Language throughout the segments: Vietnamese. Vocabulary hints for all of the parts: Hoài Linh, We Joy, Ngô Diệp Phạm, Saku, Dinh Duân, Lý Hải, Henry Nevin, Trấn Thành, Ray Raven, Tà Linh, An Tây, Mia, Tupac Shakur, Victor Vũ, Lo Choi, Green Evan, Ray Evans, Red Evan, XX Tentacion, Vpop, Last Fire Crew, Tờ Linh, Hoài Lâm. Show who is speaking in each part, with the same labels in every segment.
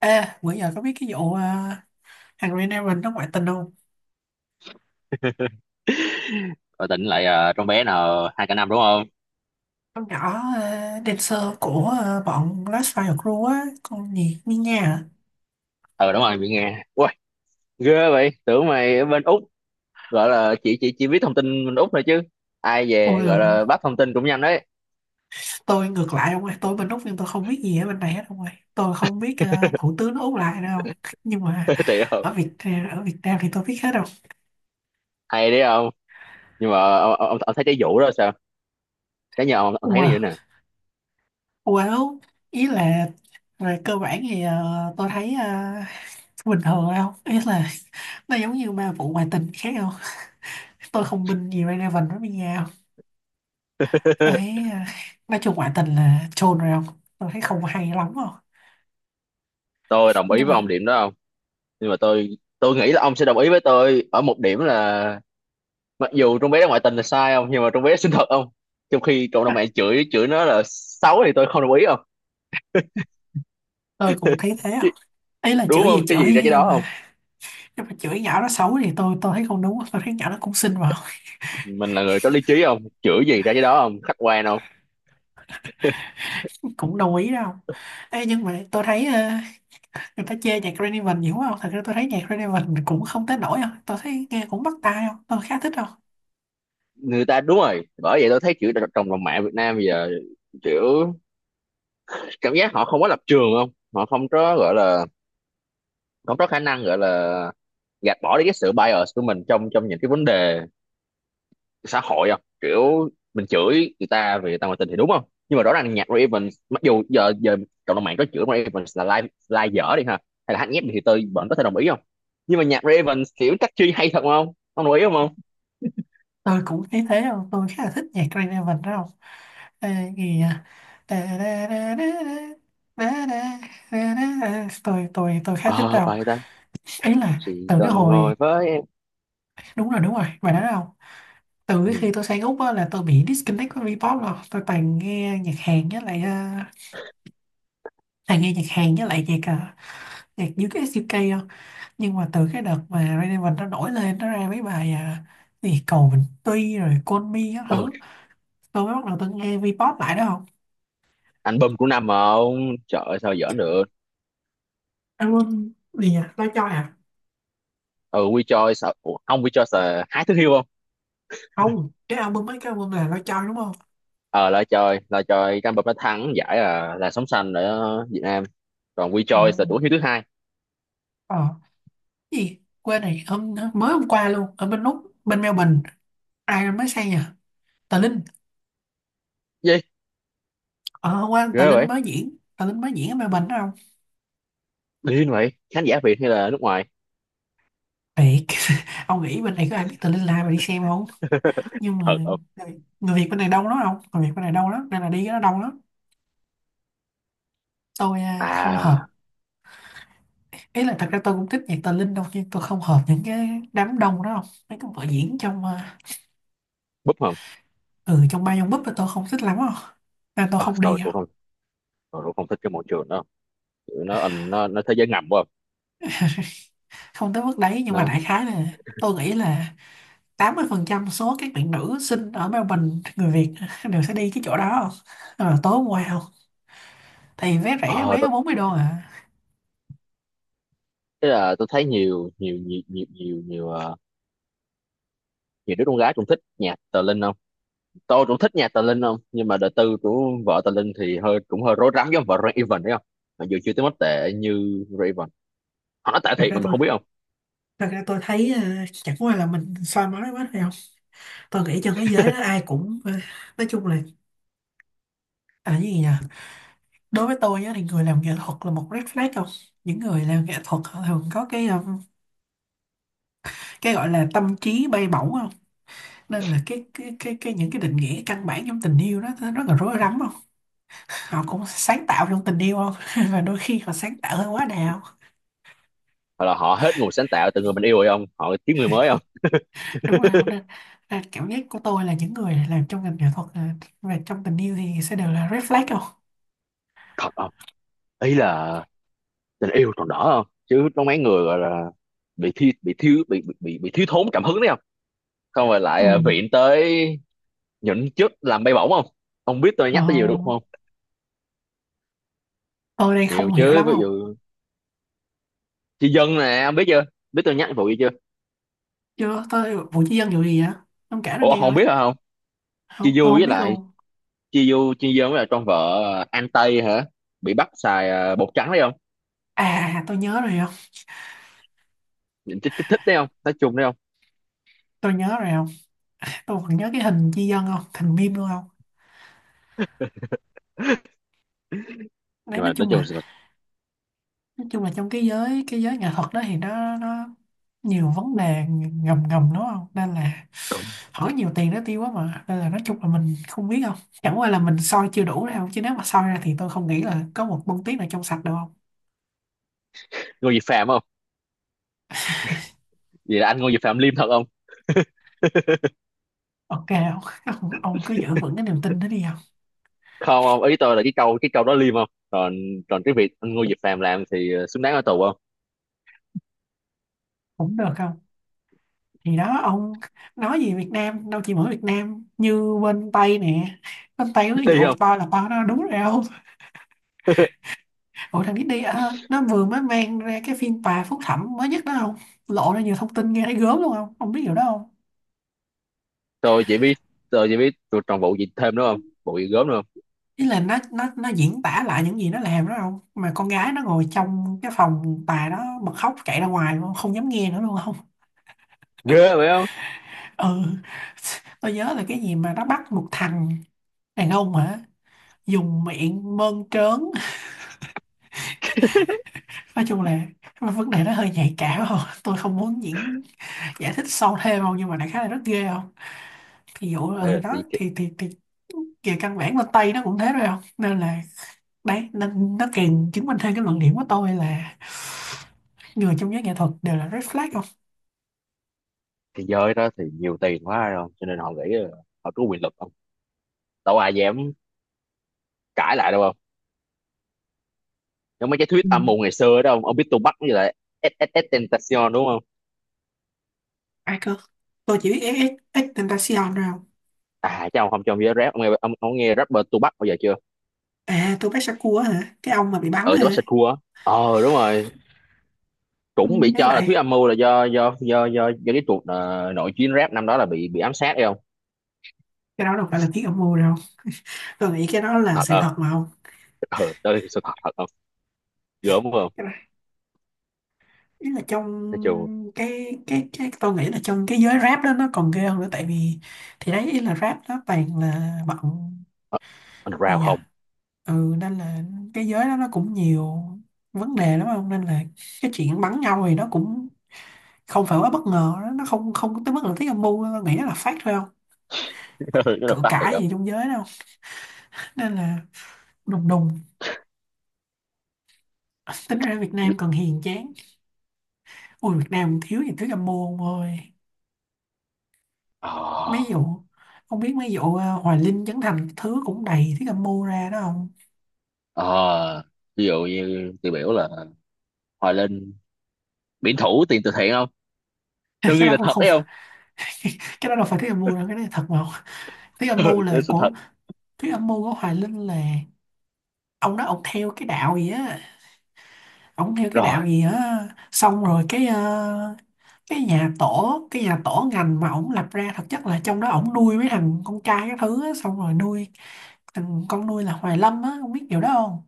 Speaker 1: Ê, bữa giờ có biết cái vụ Henry Nevin nó ngoại tình không?
Speaker 2: Rồi tỉnh lại trong bé nào hai cả năm, đúng không?
Speaker 1: Con nhỏ dancer của bọn Last Fire Crew á, con gì Mia à?
Speaker 2: Ờ, đúng rồi, bị nghe ui. Ghê vậy, tưởng mày ở bên Úc. Gọi là chị chỉ biết thông tin bên Úc thôi chứ. Ai về
Speaker 1: Ôi
Speaker 2: gọi
Speaker 1: rồi ôi,
Speaker 2: là bắt thông tin cũng nhanh đấy.
Speaker 1: tôi ngược lại ông ơi, tôi bên Úc nhưng tôi không biết gì ở bên này hết ông ơi. Tôi không biết thủ tướng Úc lại đâu. Nhưng mà
Speaker 2: Thì không.
Speaker 1: ở Việt ờ, ở Việt Nam thì tôi biết hết đâu.
Speaker 2: Hay đấy không? Nhưng mà ông thấy cái vụ đó sao? Cái nhà ông thấy nó như thế
Speaker 1: Wow,
Speaker 2: nào?
Speaker 1: wow, ý là về cơ bản thì tôi thấy bình thường thôi không? Ý là nó giống như ba vụ ngoại tình khác không? Tôi không binh gì Ray Raven với Mia. Thấy à, nói chung ngoại tình là chôn rồi không? Tôi thấy không hay lắm không?
Speaker 2: Tôi đồng ý
Speaker 1: Nhưng
Speaker 2: với
Speaker 1: mà
Speaker 2: ông điểm đó không. Nhưng mà tôi nghĩ là ông sẽ đồng ý với tôi ở một điểm là mặc dù trong bé đó ngoại tình là sai không, nhưng mà trong bé xinh thật không, trong khi cộng đồng
Speaker 1: à,
Speaker 2: mạng chửi chửi nó là xấu thì tôi không đồng ý không.
Speaker 1: tôi cũng thấy thế
Speaker 2: Chứ-
Speaker 1: không? Ấy là
Speaker 2: Đúng
Speaker 1: chửi gì
Speaker 2: không, cái
Speaker 1: chửi
Speaker 2: gì ra
Speaker 1: vậy
Speaker 2: cái
Speaker 1: đâu
Speaker 2: đó
Speaker 1: mà.
Speaker 2: không.
Speaker 1: Nhưng mà chửi nhỏ nó xấu thì tôi thấy không đúng. Tôi thấy nhỏ nó cũng xinh mà.
Speaker 2: Mình là người có lý trí không, chửi gì ra cái đó không, khách quan không.
Speaker 1: Cũng đồng ý đâu. Ê, nhưng mà tôi thấy người ta chê nhạc Green Evan nhiều quá không? Thật ra tôi thấy nhạc Green Evan cũng không tới nổi không? Tôi thấy nghe cũng bắt tai không? Tôi khá thích không?
Speaker 2: Người ta đúng rồi, bởi vậy tôi thấy chữ trong lòng mạng Việt Nam bây giờ kiểu cảm giác họ không có lập trường không, họ không có gọi là không có khả năng gọi là gạt bỏ đi cái sự bias của mình trong trong những cái vấn đề xã hội không, kiểu mình chửi người ta vì người ta ngoại tình thì đúng không. Nhưng mà rõ ràng nhạc Ray Evans, mặc dù giờ giờ cộng đồng mạng có chửi Ray Evans là live live dở đi ha, hay là hát nhép đi, thì tôi vẫn có thể đồng ý không. Nhưng mà nhạc Ray Evans kiểu chắc chi hay thật không, ông đồng ý không không?
Speaker 1: Tôi cũng thấy thế không, tôi khá là thích nhạc Green Evan đó không. À, gì à? Đa, đa, đa, đa, đa, đa, đa, đa, đa. Tôi khá
Speaker 2: Ờ
Speaker 1: thích
Speaker 2: À,
Speaker 1: đâu.
Speaker 2: bài ta.
Speaker 1: Ấy là
Speaker 2: Chỉ
Speaker 1: từ cái
Speaker 2: cần
Speaker 1: hồi,
Speaker 2: ngồi với em.
Speaker 1: đúng rồi, đúng rồi, bài đó đâu. Từ cái
Speaker 2: Ừ.
Speaker 1: khi tôi sang Úc á, là tôi bị disconnect với Vpop rồi tôi toàn nghe nhạc Hàn với lại toàn nghe nhạc Hàn với lại nhạc nhạc US UK không. Nhưng mà từ cái đợt mà Red Evan nó nổi lên nó ra mấy bài gì cầu Bình Tuy rồi Call Me các
Speaker 2: Ừ.
Speaker 1: thứ, tôi mới bắt đầu tôi nghe Vpop lại đó.
Speaker 2: Album của năm mà ông, trời ơi, sao giỡn được.
Speaker 1: Album gì nhỉ, Lo Choi à?
Speaker 2: Ừ, We Joy sợ. Ủa, ông We Joy sợ hái thứ hiêu không?
Speaker 1: Không, cái album, mấy cái album là Lo Choi đúng không?
Speaker 2: Ờ Là trời, cái album nó thắng giải là sống xanh ở Việt Nam, còn We
Speaker 1: Ừ.
Speaker 2: Joy là tuổi hiêu thứ hai.
Speaker 1: ờ cái gì quên này, hôm mới hôm qua luôn, ở bên Úc bên Melbourne ai mới sang nhỉ? Tà Linh.
Speaker 2: Gì?
Speaker 1: Ờ Hôm qua Tà
Speaker 2: Ghê
Speaker 1: Linh
Speaker 2: vậy.
Speaker 1: mới diễn, Tà Linh mới diễn ở Melbourne đó không.
Speaker 2: Điên vậy, khán giả Việt hay là nước ngoài?
Speaker 1: Thiệt. Ông nghĩ bên này có ai biết Tà Linh là ai mà đi xem không? Nhưng mà
Speaker 2: Thật không?
Speaker 1: người người Việt bên này đông lắm không, người Việt bên này đông lắm nên là đi cái nó đông lắm. Tôi không hợp.
Speaker 2: À.
Speaker 1: Ý là thật ra tôi cũng thích nhạc Tà Linh đâu nhưng tôi không hợp những cái đám đông đó không. Mấy cái vở diễn trong
Speaker 2: Búp không.
Speaker 1: ừ, trong ba dòng búp là tôi không thích lắm không, nên tôi
Speaker 2: Ờ,
Speaker 1: không
Speaker 2: tôi
Speaker 1: đi
Speaker 2: cũng
Speaker 1: đâu.
Speaker 2: không. Tôi cũng không thích cái môi trường đó. Tụi nó thế giới ngầm quá.
Speaker 1: Không tới mức đấy nhưng mà
Speaker 2: Nó.
Speaker 1: đại khái là tôi nghĩ là 80% số các bạn nữ sinh ở Melbourne, người Việt, đều sẽ đi cái chỗ đó không. Ờ, tối hôm qua không thì vé rẻ,
Speaker 2: Ờ
Speaker 1: vé có
Speaker 2: tôi
Speaker 1: 40 đô à.
Speaker 2: Thế là tôi thấy nhiều nhiều nhiều nhiều nhiều nhiều nhiều đứa con gái cũng thích nhạc tờ Linh không. Tôi cũng thích nhạc tờ Linh không, nhưng mà đời tư của vợ tờ Linh thì cũng hơi rối rắm giống vợ Ray Evan đấy không. Mặc dù chưa tới mức tệ như Ray Evan, họ nói tệ
Speaker 1: thật
Speaker 2: thiệt
Speaker 1: ra
Speaker 2: mà mình
Speaker 1: tôi
Speaker 2: không biết không.
Speaker 1: Thật ra tôi thấy chẳng qua là mình soi mói quá thôi không. Tôi nghĩ trên thế giới đó ai cũng nói chung là, à cái gì nhỉ, đối với tôi á, thì người làm nghệ thuật là một red flag không. Những người làm nghệ thuật họ thường có cái cái gọi là tâm trí bay bổng không, nên là cái những cái định nghĩa căn bản trong tình yêu đó nó rất là rối rắm không. Họ cũng sáng tạo trong tình yêu không, và đôi khi họ sáng tạo hơi quá đà không.
Speaker 2: Hoặc là họ hết nguồn sáng tạo từ người mình yêu rồi không, họ kiếm người mới không.
Speaker 1: Đúng rồi không, nên là cảm giác của tôi là những người làm trong ngành nghệ thuật và trong tình yêu thì sẽ đều là red flag không.
Speaker 2: Thật không? Ý là tình yêu còn đỡ không, chứ có mấy người gọi là bị thi bị thiếu thốn cảm hứng đấy không. Không, rồi
Speaker 1: Ừ.
Speaker 2: lại viện tới những chức làm bay bổng không. Ông biết tôi
Speaker 1: Ờ,
Speaker 2: nhắc tới nhiều đúng không?
Speaker 1: tôi đây
Speaker 2: Nhiều
Speaker 1: không hiểu
Speaker 2: chứ,
Speaker 1: lắm
Speaker 2: ví
Speaker 1: không.
Speaker 2: dụ chị Dân nè, ông biết chưa? Biết tôi nhắc vụ gì chưa?
Speaker 1: Chưa, tôi vụ chi dân vụ gì vậy? Ông kể nó
Speaker 2: Ủa,
Speaker 1: nghe
Speaker 2: không
Speaker 1: coi.
Speaker 2: biết hả không?
Speaker 1: Không,
Speaker 2: Chi
Speaker 1: tôi
Speaker 2: Du
Speaker 1: không
Speaker 2: với
Speaker 1: biết
Speaker 2: lại
Speaker 1: luôn.
Speaker 2: Chi Du với lại con vợ An Tây hả, bị bắt xài bột trắng đấy không.
Speaker 1: À, à, à, tôi nhớ rồi không.
Speaker 2: Thích thích thích đấy không, nói chung đấy không.
Speaker 1: Tôi nhớ rồi không, tôi còn nhớ cái hình chi dân không thành meme luôn không. Đấy,
Speaker 2: Nhưng
Speaker 1: nói
Speaker 2: mà nói
Speaker 1: chung
Speaker 2: chung
Speaker 1: là
Speaker 2: là
Speaker 1: nói chung là trong cái giới nghệ thuật đó thì nó nhiều vấn đề ngầm ngầm đúng không, nên là hỏi nhiều tiền nó tiêu quá mà, nên là nói chung là mình không biết không. Chẳng qua là mình soi chưa đủ đâu chứ nếu mà soi ra thì tôi không nghĩ là có một bông tuyết nào trong sạch đâu không.
Speaker 2: Ngô Diệp Phạm không. Vậy là anh Ngô Diệp Phạm liêm thật không?
Speaker 1: Ok không. Ông cứ giữ vững cái niềm tin đó đi không.
Speaker 2: Không, không, ý tôi là cái câu đó liêm không, còn còn cái việc anh Ngô Diệp Phạm làm thì xứng đáng ở tù không.
Speaker 1: Cũng được không, thì đó ông, nói gì Việt Nam đâu chỉ mỗi Việt Nam, như bên Tây nè, bên Tây ví
Speaker 2: Đi
Speaker 1: dụ
Speaker 2: không.
Speaker 1: to là to nó đúng rồi không. Ủa thằng Disney à, nó vừa mới mang ra cái phiên tòa phúc thẩm mới nhất đó không? Lộ ra nhiều thông tin nghe thấy gớm luôn không? Không biết điều đó không?
Speaker 2: tôi chỉ biết tôi chỉ biết tôi còn vụ gì thêm nữa không, vụ gì gớm nữa không?
Speaker 1: Ý là nó diễn tả lại những gì nó làm đó không? Mà con gái nó ngồi trong cái phòng tòa đó bật khóc chạy ra ngoài luôn, không dám nghe nữa luôn không?
Speaker 2: Ghê vậy không?
Speaker 1: Ừ. Tôi nhớ là cái gì mà nó bắt một thằng đàn ông hả? Dùng miệng mơn trớn. Nói chung là vấn đề nó hơi nhạy cảm không? Tôi không muốn giải thích sâu thêm không nhưng mà đại khái là rất ghê không? Ví dụ là ừ
Speaker 2: Ừ,
Speaker 1: đó,
Speaker 2: thì
Speaker 1: thì về căn bản bên Tây nó cũng thế rồi không, nên là đấy, nên nó càng chứng minh thêm cái luận điểm của tôi là người trong giới nghệ thuật đều là red flag không.
Speaker 2: cái giới đó thì nhiều tiền quá rồi, cho nên họ nghĩ là họ có quyền lực, đâu ai dám cãi lại đâu không. Giống mấy cái
Speaker 1: Ừ.
Speaker 2: thuyết âm mưu ngày xưa đó, ông biết Tupac với lại SS Tentacion đúng không?
Speaker 1: Ai cơ? Tôi chỉ biết XX Tentacion thôi không.
Speaker 2: À, chắc ông không, cho ông nghe rap, ông nghe rapper Tupac bao giờ chưa?
Speaker 1: À, tôi biết Saku á hả, cái ông mà bị bắn
Speaker 2: Ừ,
Speaker 1: hả?
Speaker 2: Tupac Shakur á. Ờ, đúng rồi,
Speaker 1: Ừ,
Speaker 2: cũng bị
Speaker 1: với
Speaker 2: cho là thuyết
Speaker 1: lại
Speaker 2: âm mưu là do cái cuộc nội chiến rap năm đó là bị ám sát đấy không.
Speaker 1: cái đó đâu phải là thuyết âm mưu đâu, tôi nghĩ cái đó là
Speaker 2: Thật
Speaker 1: sự
Speaker 2: không?
Speaker 1: thật mà không.
Speaker 2: Ừ, đó là sự thật, thật không. Gớm không.
Speaker 1: Cái đó, ý là trong
Speaker 2: Nói chung
Speaker 1: cái tôi nghĩ là trong cái giới rap đó nó còn ghê hơn nữa, tại vì thì đấy, ý là rap nó toàn là bọn
Speaker 2: ờ,
Speaker 1: gì
Speaker 2: underground
Speaker 1: nhỉ,
Speaker 2: không.
Speaker 1: ừ nên là cái giới đó nó cũng nhiều vấn đề lắm không, nên là cái chuyện bắn nhau thì nó cũng không phải quá bất ngờ đó. Nó không không có tới mức là tiếng âm mưu đâu. Nghĩ nó là phát thôi không,
Speaker 2: Nó là
Speaker 1: cự
Speaker 2: phát thiệt
Speaker 1: cãi
Speaker 2: không.
Speaker 1: gì trong giới đâu, nên là đùng đùng, tính ra Việt Nam còn hiền chán. Ôi Việt Nam thiếu gì thứ âm mưu ông ơi.
Speaker 2: Ờ.
Speaker 1: Mấy vụ, không biết mấy vụ Hoài Linh, Trấn Thành thứ cũng đầy thứ âm mưu ra đó không.
Speaker 2: Ờ. Ví dụ như tiêu biểu là Hoài Linh biển thủ tiền từ thiện không. Tôi
Speaker 1: Cái
Speaker 2: nghi
Speaker 1: đó
Speaker 2: là
Speaker 1: cũng
Speaker 2: thật
Speaker 1: không
Speaker 2: đấy.
Speaker 1: phải. Cái đó đâu phải thứ âm mưu đâu, cái đó là thật mà không? thứ âm mưu
Speaker 2: Ừ,
Speaker 1: là
Speaker 2: chơi sự
Speaker 1: của
Speaker 2: thật.
Speaker 1: Thứ âm mưu của Hoài Linh là ông đó, ông theo cái
Speaker 2: Rồi
Speaker 1: đạo gì á, xong rồi cái cái nhà tổ ngành mà ông lập ra thực chất là trong đó ông nuôi mấy thằng con trai các thứ á, xong rồi nuôi thằng con nuôi là Hoài Lâm á, ông biết điều đó không.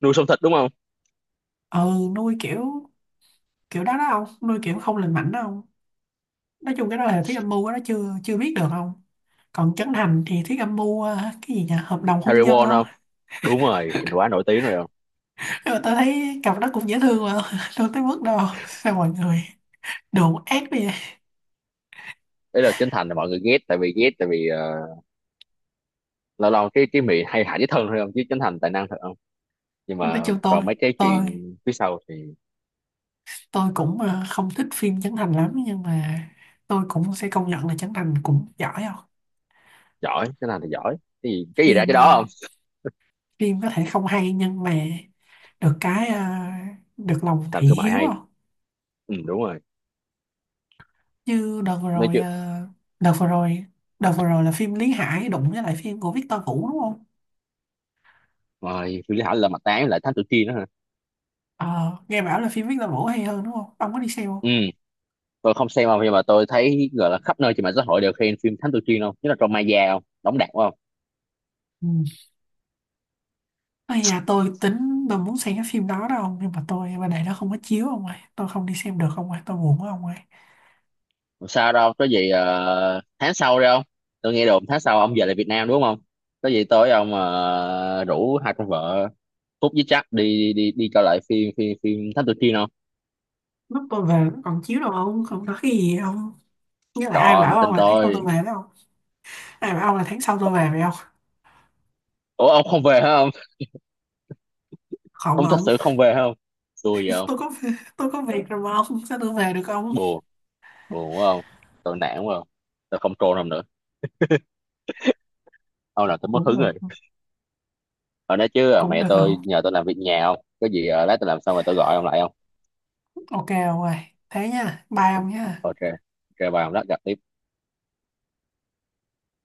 Speaker 2: nuôi sống thịt đúng không?
Speaker 1: Ừ, nuôi kiểu, kiểu đó đó ông nuôi kiểu không lành mạnh đó ông. Nói chung cái đó là Thiết Âm Mưu á, nó chưa chưa biết được không. Còn Trấn Thành thì Thiết Âm Mưu cái gì nhỉ, hợp đồng
Speaker 2: Harry
Speaker 1: hôn nhân
Speaker 2: Potter
Speaker 1: không.
Speaker 2: không. Đúng rồi, mình quá nổi tiếng rồi không.
Speaker 1: Nhưng mà tôi thấy cặp đó cũng dễ thương mà, đâu tới mức đâu, sao mọi người đồn ác bây giờ.
Speaker 2: Đấy là Trấn Thành là mọi người ghét, tại vì lâu lâu cái miệng hay hại với thân thôi không, chứ Trấn Thành tài năng thật không. Nhưng
Speaker 1: Nói
Speaker 2: mà
Speaker 1: chung
Speaker 2: còn mấy cái
Speaker 1: tôi
Speaker 2: chuyện phía sau thì
Speaker 1: tôi cũng không thích phim Trấn Thành lắm nhưng mà tôi cũng sẽ công nhận là Trấn Thành cũng giỏi không.
Speaker 2: giỏi, Trấn Thành thì giỏi, cái gì ra
Speaker 1: phim
Speaker 2: cái đó
Speaker 1: ờ,
Speaker 2: không.
Speaker 1: Phim có thể không hay nhưng mà được cái được lòng
Speaker 2: Làm
Speaker 1: thị
Speaker 2: thương mại
Speaker 1: hiếu
Speaker 2: hay.
Speaker 1: không.
Speaker 2: Ừ, đúng rồi,
Speaker 1: Như đợt vừa
Speaker 2: nói
Speaker 1: rồi
Speaker 2: chứ
Speaker 1: đợt vừa rồi đợt vừa rồi là phim Lý Hải đụng với lại phim của Victor Vũ đúng không.
Speaker 2: rồi phi Lý Hải là mặt tán lại Thám Tử Kiên nữa hả?
Speaker 1: Ờ, nghe bảo là phim Victor Vũ hay hơn đúng không, ông có đi xem không?
Speaker 2: Ừ, tôi không xem không, nhưng mà tôi thấy gọi là khắp nơi trên mạng xã hội đều khen phim Thám Tử Kiên không, nhất là trong Maya không đóng đạt quá không.
Speaker 1: Ừ. Ây da, tôi muốn xem cái phim đó đâu nhưng mà tôi bên này nó không có chiếu ông ơi, tôi không đi xem được ông ơi, tôi buồn quá ông ơi.
Speaker 2: Không sao đâu, có gì tháng sau đi không. Tôi nghe đồn tháng sau ông về lại Việt Nam đúng không? Có gì tối ông rủ hai con vợ Phúc với Trắc đi đi đi coi lại phim phim phim Thám Tử Kiên không.
Speaker 1: Lúc tôi về nó còn chiếu đâu ông, không có cái gì ông. Nghĩa là ai
Speaker 2: Còn
Speaker 1: bảo ông
Speaker 2: tin
Speaker 1: là tháng sau
Speaker 2: tôi.
Speaker 1: tôi về phải không? Ai bảo ông là tháng sau tôi về phải không?
Speaker 2: Ủa, ông không về hả ông?
Speaker 1: Không
Speaker 2: Ông thật
Speaker 1: ông.
Speaker 2: sự không về hả ông? Xui vậy không.
Speaker 1: tôi có tôi có việc rồi mà ông, sao tôi về được ông.
Speaker 2: Buồn buồn quá không. Tôi nản quá không. Tôi không trôn ông nữa. Ông là tôi mất
Speaker 1: Cũng
Speaker 2: hứng
Speaker 1: được,
Speaker 2: rồi. Ở, nói chứ
Speaker 1: cũng
Speaker 2: mẹ
Speaker 1: được không.
Speaker 2: tôi nhờ tôi làm việc nhà, không có gì, lát tôi làm xong rồi tôi gọi ông lại không.
Speaker 1: Ok ông ơi, thế nha, bye ông nha.
Speaker 2: Ok. Ok bà, ông lát gặp đi.